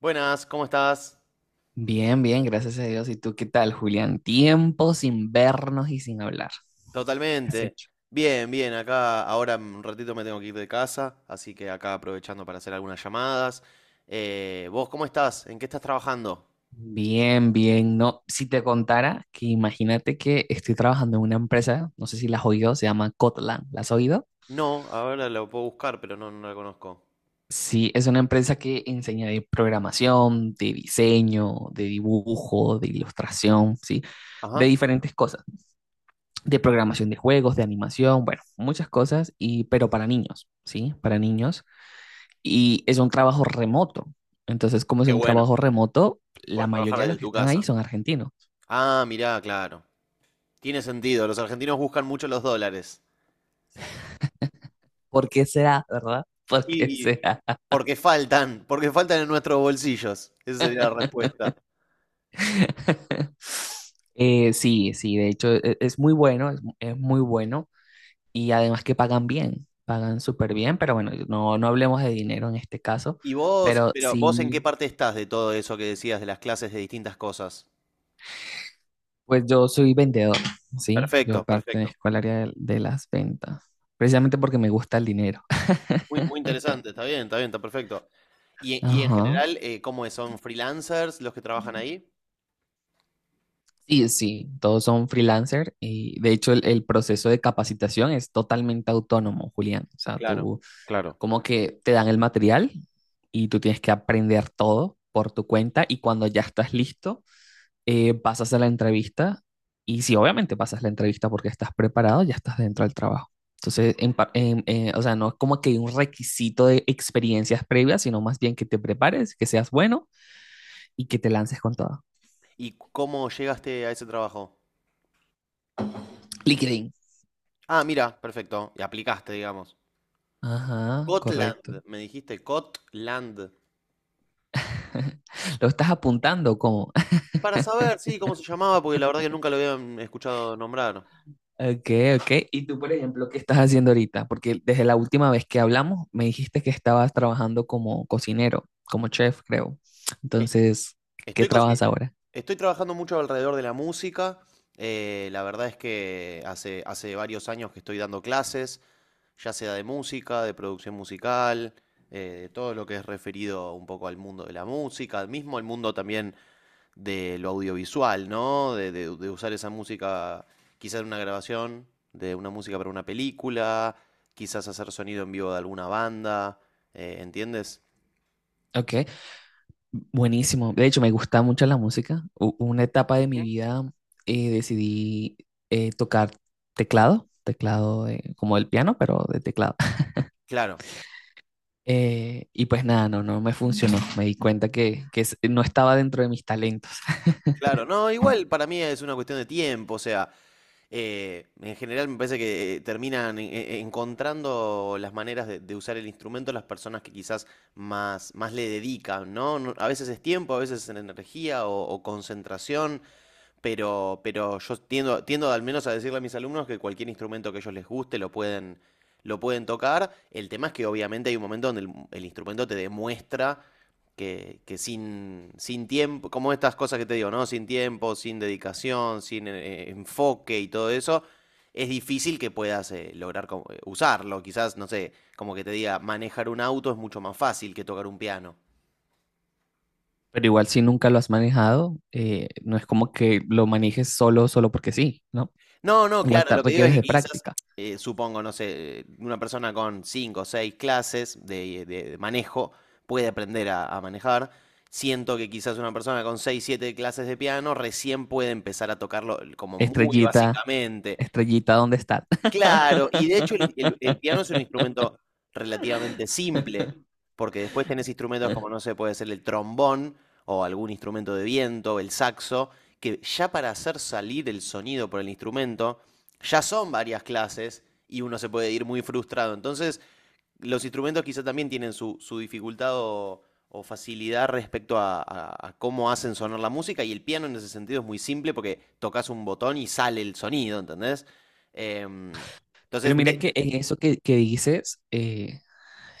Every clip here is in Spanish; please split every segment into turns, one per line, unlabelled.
Buenas, ¿cómo estás?
Bien, bien, gracias a Dios. ¿Y tú qué tal, Julián? Tiempo sin vernos y sin hablar. ¿Qué has
Totalmente.
hecho?
Bien, bien, acá ahora en un ratito me tengo que ir de casa, así que acá aprovechando para hacer algunas llamadas. ¿Vos cómo estás? ¿En qué estás trabajando?
Bien, bien. No, si te contara que imagínate que estoy trabajando en una empresa, no sé si la has oído, se llama Kotlin. ¿La has oído?
No, ahora lo puedo buscar, pero no la conozco.
Sí, es una empresa que enseña de programación, de diseño, de dibujo, de ilustración, ¿sí? De
Ajá.
diferentes cosas, de programación de juegos, de animación, bueno, muchas cosas, pero para niños, ¿sí? Para niños. Y es un trabajo remoto. Entonces, como es
Qué
un
bueno,
trabajo remoto, la
puedes trabajar
mayoría de los
desde
que
tu
están ahí
casa.
son argentinos.
Ah, mirá, claro. Tiene sentido, los argentinos buscan mucho los dólares.
¿Por qué será, verdad? ¿Por qué
Y
será?
porque faltan en nuestros bolsillos. Esa sería la respuesta.
Sí, de hecho es muy bueno, es muy bueno y además que pagan bien, pagan súper bien, pero bueno, no hablemos de dinero en este caso,
Y vos,
pero
pero vos en qué
sí,
parte estás de todo eso que decías de las clases de distintas cosas.
pues yo soy vendedor, ¿sí? Yo
Perfecto, perfecto.
pertenezco al área de las ventas, precisamente porque me gusta el dinero.
Muy, muy interesante, está bien, está bien, está perfecto. Y, y en
Ajá.
general, ¿cómo es? ¿Son freelancers los que trabajan ahí?
Sí, sí, todos son freelancer y de hecho el proceso de capacitación es totalmente autónomo, Julián. O sea,
Claro,
tú
claro.
como que te dan el material y tú tienes que aprender todo por tu cuenta y cuando ya estás listo, pasas a la entrevista y si obviamente pasas la entrevista porque estás preparado, ya estás dentro del trabajo. Entonces,
Perfecto.
o sea, no es como que hay un requisito de experiencias previas, sino más bien que te prepares, que seas bueno y que te lances con todo.
¿Y cómo llegaste a ese trabajo?
LinkedIn.
Ah, mira, perfecto. Y aplicaste, digamos.
Ajá, correcto.
Cotland, me dijiste, Cotland.
¿Lo estás apuntando como?
Para saber, sí, cómo se llamaba, porque la verdad que nunca lo habían escuchado nombrar.
Ok, ok. ¿Y tú, por ejemplo, qué estás haciendo ahorita? Porque desde la última vez que hablamos me dijiste que estabas trabajando como cocinero, como chef, creo. Entonces, ¿qué
Estoy, consi-
trabajas ahora?
Estoy trabajando mucho alrededor de la música. La verdad es que hace varios años que estoy dando clases, ya sea de música, de producción musical, de todo lo que es referido un poco al mundo de la música, mismo al mundo también de lo audiovisual, ¿no? De usar esa música quizás en una grabación, de una música para una película, quizás hacer sonido en vivo de alguna banda, ¿entiendes?
Ok, buenísimo. De hecho, me gusta mucho la música. Una etapa de mi
Ujú.
vida decidí tocar teclado, como el piano, pero de teclado.
Claro.
Y pues nada, no me funcionó. Me di cuenta que no estaba dentro de mis talentos.
Claro, no, igual para mí es una cuestión de tiempo, o sea, en general me parece que terminan encontrando las maneras de usar el instrumento las personas que quizás más, más le dedican, ¿no? No. A veces es tiempo, a veces es energía o concentración, pero yo tiendo, tiendo al menos a decirle a mis alumnos que cualquier instrumento que a ellos les guste lo pueden tocar. El tema es que obviamente hay un momento donde el instrumento te demuestra que sin, sin tiempo, como estas cosas que te digo, ¿no? Sin tiempo, sin dedicación, sin enfoque y todo eso, es difícil que puedas lograr usarlo. Quizás, no sé, como que te diga, manejar un auto es mucho más fácil que tocar un piano.
Pero igual si nunca lo has manejado, no es como que lo manejes solo, solo porque sí, ¿no?
No, no,
Igual
claro,
te
lo que digo es
requieres
que
de
quizás,
práctica.
supongo, no sé, una persona con cinco o seis clases de, de manejo puede aprender a manejar. Siento que quizás una persona con seis, siete clases de piano recién puede empezar a tocarlo como muy
Estrellita,
básicamente.
estrellita, ¿dónde estás?
Claro, y de hecho el piano es un instrumento relativamente simple, porque después tenés instrumentos como, no sé, puede ser el trombón o algún instrumento de viento, el saxo, que ya para hacer salir el sonido por el instrumento, ya son varias clases y uno se puede ir muy frustrado. Entonces, los instrumentos quizá también tienen su, su dificultad o facilidad respecto a, a cómo hacen sonar la música y el piano en ese sentido es muy simple porque tocas un botón y sale el sonido, ¿entendés? Em,
Pero
entonces,
mira que en eso que dices,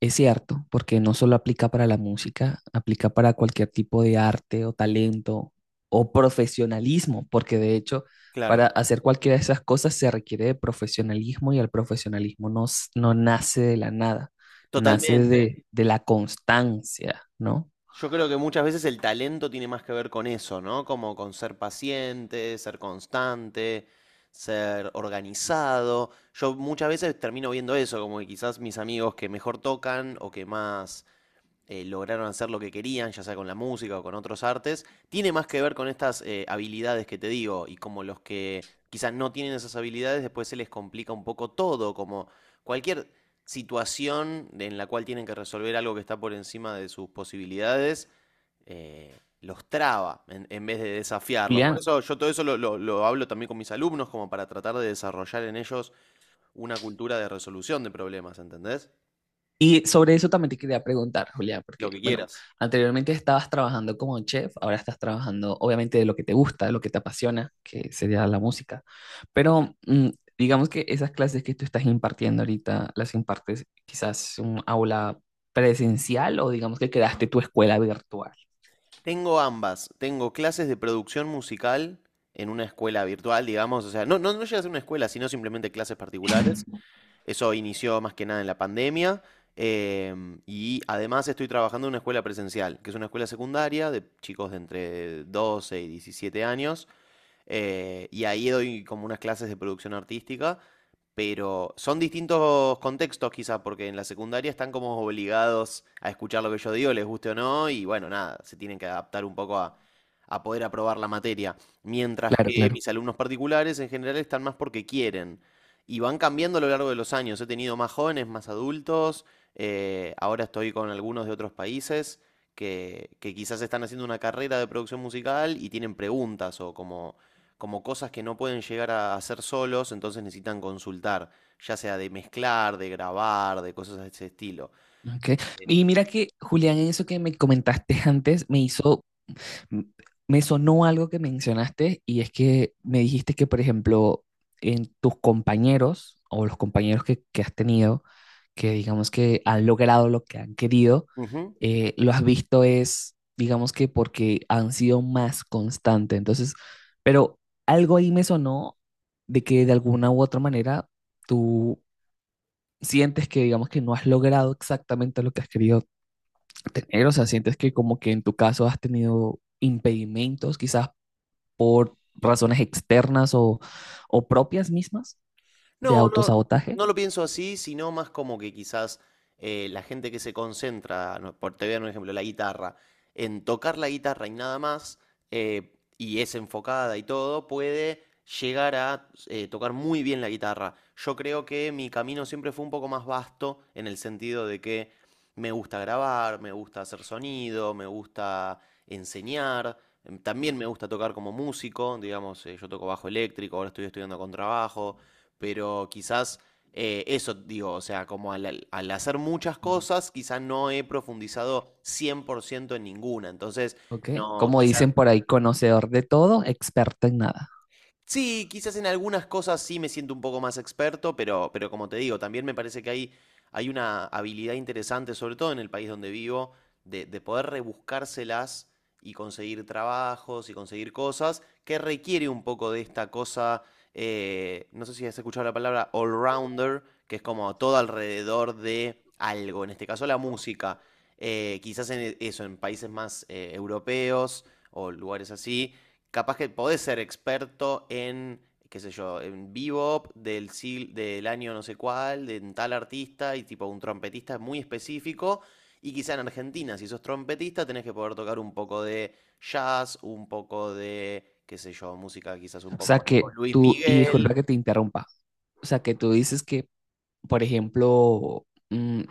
es cierto, porque no solo aplica para la música, aplica para cualquier tipo de arte o talento o profesionalismo, porque de hecho, para
claro,
hacer cualquiera de esas cosas se requiere de profesionalismo y el profesionalismo no nace de la nada, nace
totalmente.
de la constancia, ¿no?
Yo creo que muchas veces el talento tiene más que ver con eso, ¿no? Como con ser paciente, ser constante, ser organizado. Yo muchas veces termino viendo eso, como que quizás mis amigos que mejor tocan o que más lograron hacer lo que querían, ya sea con la música o con otros artes, tiene más que ver con estas habilidades que te digo y como los que quizás no tienen esas habilidades, después se les complica un poco todo, como cualquier situación en la cual tienen que resolver algo que está por encima de sus posibilidades, los traba en vez de desafiarlos. Por
Julián,
eso yo todo eso lo hablo también con mis alumnos, como para tratar de desarrollar en ellos una cultura de resolución de problemas, ¿entendés?
y sobre eso también te quería preguntar, Julia,
Lo
porque,
que
bueno,
quieras.
anteriormente estabas trabajando como chef, ahora estás trabajando, obviamente, de lo que te gusta, de lo que te apasiona, que sería la música. Pero digamos que esas clases que tú estás impartiendo ahorita, las impartes quizás en un aula presencial o digamos que creaste tu escuela virtual.
Tengo ambas. Tengo clases de producción musical en una escuela virtual, digamos. O sea, no, no, no llega a ser una escuela, sino simplemente clases particulares. Eso inició más que nada en la pandemia. Y además estoy trabajando en una escuela presencial, que es una escuela secundaria de chicos de entre 12 y 17 años. Y ahí doy como unas clases de producción artística pero son distintos contextos quizá, porque en la secundaria están como obligados a escuchar lo que yo digo, les guste o no, y bueno, nada, se tienen que adaptar un poco a poder aprobar la materia. Mientras
Claro,
que
claro.
mis alumnos particulares en general están más porque quieren. Y van cambiando a lo largo de los años. He tenido más jóvenes, más adultos. Ahora estoy con algunos de otros países que quizás están haciendo una carrera de producción musical y tienen preguntas o como cosas que no pueden llegar a hacer solos, entonces necesitan consultar, ya sea de mezclar, de grabar, de cosas de ese estilo.
Ok.
Eh,
Y mira que, Julián, eso que me comentaste antes me hizo. M- me sonó algo que mencionaste y es que me dijiste que, por ejemplo, en tus compañeros o los compañeros que has tenido, que digamos que han logrado lo que han querido,
Ujú.
lo has visto es, digamos que porque han sido más constantes. Entonces, pero algo ahí me sonó de que de alguna u otra manera tú sientes que, digamos que no has logrado exactamente lo que has querido tener, o sea, sientes que como que en tu caso has tenido impedimentos quizás por razones externas o propias mismas de
No, no,
autosabotaje,
no lo pienso así, sino más como que quizás la gente que se concentra, no, por te voy a dar un ejemplo, la guitarra, en tocar la guitarra y nada más, y es enfocada y todo, puede llegar a tocar muy bien la guitarra. Yo creo que mi camino siempre fue un poco más vasto en el sentido de que me gusta grabar, me gusta hacer sonido, me gusta enseñar. También me gusta tocar como músico, digamos, yo toco bajo eléctrico, ahora estoy estudiando contrabajo, pero quizás eso digo, o sea, como al, al hacer muchas cosas, quizás no he profundizado 100% en ninguna, entonces
¿ok?
no,
Como
quizás
dicen por ahí, conocedor de todo, experto en nada.
sí, quizás en algunas cosas sí me siento un poco más experto, pero como te digo, también me parece que hay una habilidad interesante, sobre todo en el país donde vivo, de poder rebuscárselas y conseguir trabajos y conseguir cosas que requiere un poco de esta cosa, no sé si has escuchado la palabra all-rounder, que es como todo alrededor de algo, en este caso la música. Quizás en eso, en países más europeos o lugares así capaz que podés ser experto en, qué sé yo, en bebop del año no sé cuál, de tal artista y tipo un trompetista es muy específico. Y quizá en Argentina, si sos trompetista, tenés que poder tocar un poco de jazz, un poco de, qué sé yo, música quizás un
O
poco
sea
más tipo
que
Luis
tú, y
Miguel.
disculpa que te interrumpa, o sea que tú dices que, por ejemplo, mm,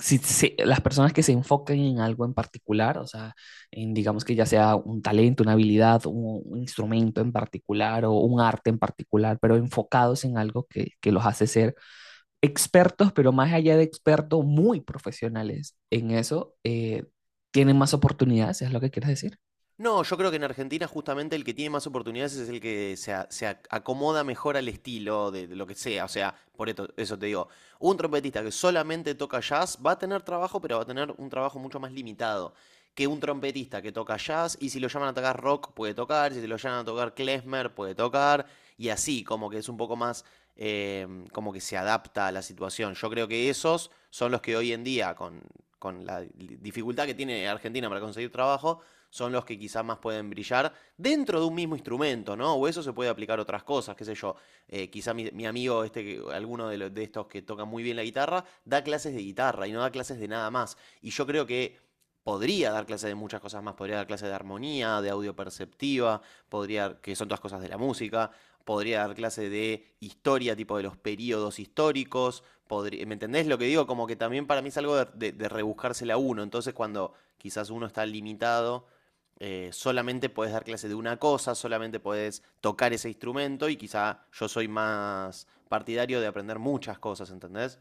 las personas que se enfocan en algo en particular, o sea, en digamos que ya sea un talento, una habilidad, un instrumento en particular o un arte en particular, pero enfocados en algo que los hace ser expertos, pero más allá de expertos, muy profesionales en eso, tienen más oportunidades, es lo que quieres decir.
No, yo creo que en Argentina justamente el que tiene más oportunidades es el que se acomoda mejor al estilo de lo que sea. O sea, por eso te digo, un trompetista que solamente toca jazz va a tener trabajo, pero va a tener un trabajo mucho más limitado que un trompetista que toca jazz y si lo llaman a tocar rock puede tocar, si lo llaman a tocar klezmer puede tocar y así, como que es un poco más, como que se adapta a la situación. Yo creo que esos son los que hoy en día, con la dificultad que tiene Argentina para conseguir trabajo, son los que quizás más pueden brillar dentro de un mismo instrumento, ¿no? O eso se puede aplicar a otras cosas, qué sé yo. Quizá amigo, este, alguno de, de estos que tocan muy bien la guitarra, da clases de guitarra y no da clases de nada más. Y yo creo que podría dar clases de muchas cosas más, podría dar clases de armonía, de audio perceptiva, podría, que son todas cosas de la música, podría dar clase de historia, tipo de los periodos históricos. ¿Me entendés lo que digo? Como que también para mí es algo de, de rebuscársela a uno. Entonces, cuando quizás uno está limitado solamente podés dar clase de una cosa, solamente podés tocar ese instrumento y quizá yo soy más partidario de aprender muchas cosas, ¿entendés?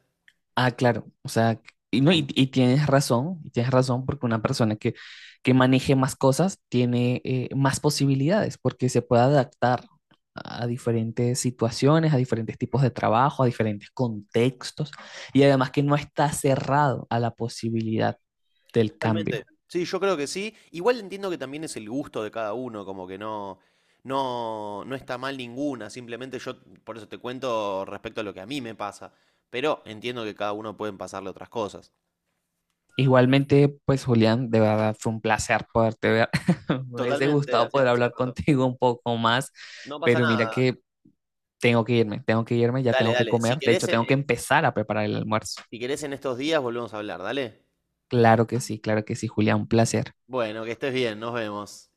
Ah, claro, o sea, y, no, y tienes razón porque una persona que maneje más cosas tiene más posibilidades porque se puede adaptar a diferentes situaciones, a diferentes tipos de trabajo, a diferentes contextos y además que no está cerrado a la posibilidad del
Totalmente.
cambio.
Sí, yo creo que sí. Igual entiendo que también es el gusto de cada uno, como que no, no, no está mal ninguna, simplemente yo por eso te cuento respecto a lo que a mí me pasa, pero entiendo que cada uno pueden pasarle otras cosas.
Igualmente, pues Julián, de verdad fue un placer poderte ver. Me hubiese
Totalmente,
gustado
hacía
poder
hacía
hablar
rato.
contigo un poco más,
No pasa
pero mira
nada.
que tengo que irme, ya
Dale,
tengo que
dale. Si
comer. De
querés,
hecho, tengo que empezar a preparar el almuerzo.
si querés en estos días volvemos a hablar, dale.
Claro que sí, Julián, un placer.
Bueno, que estés bien, nos vemos.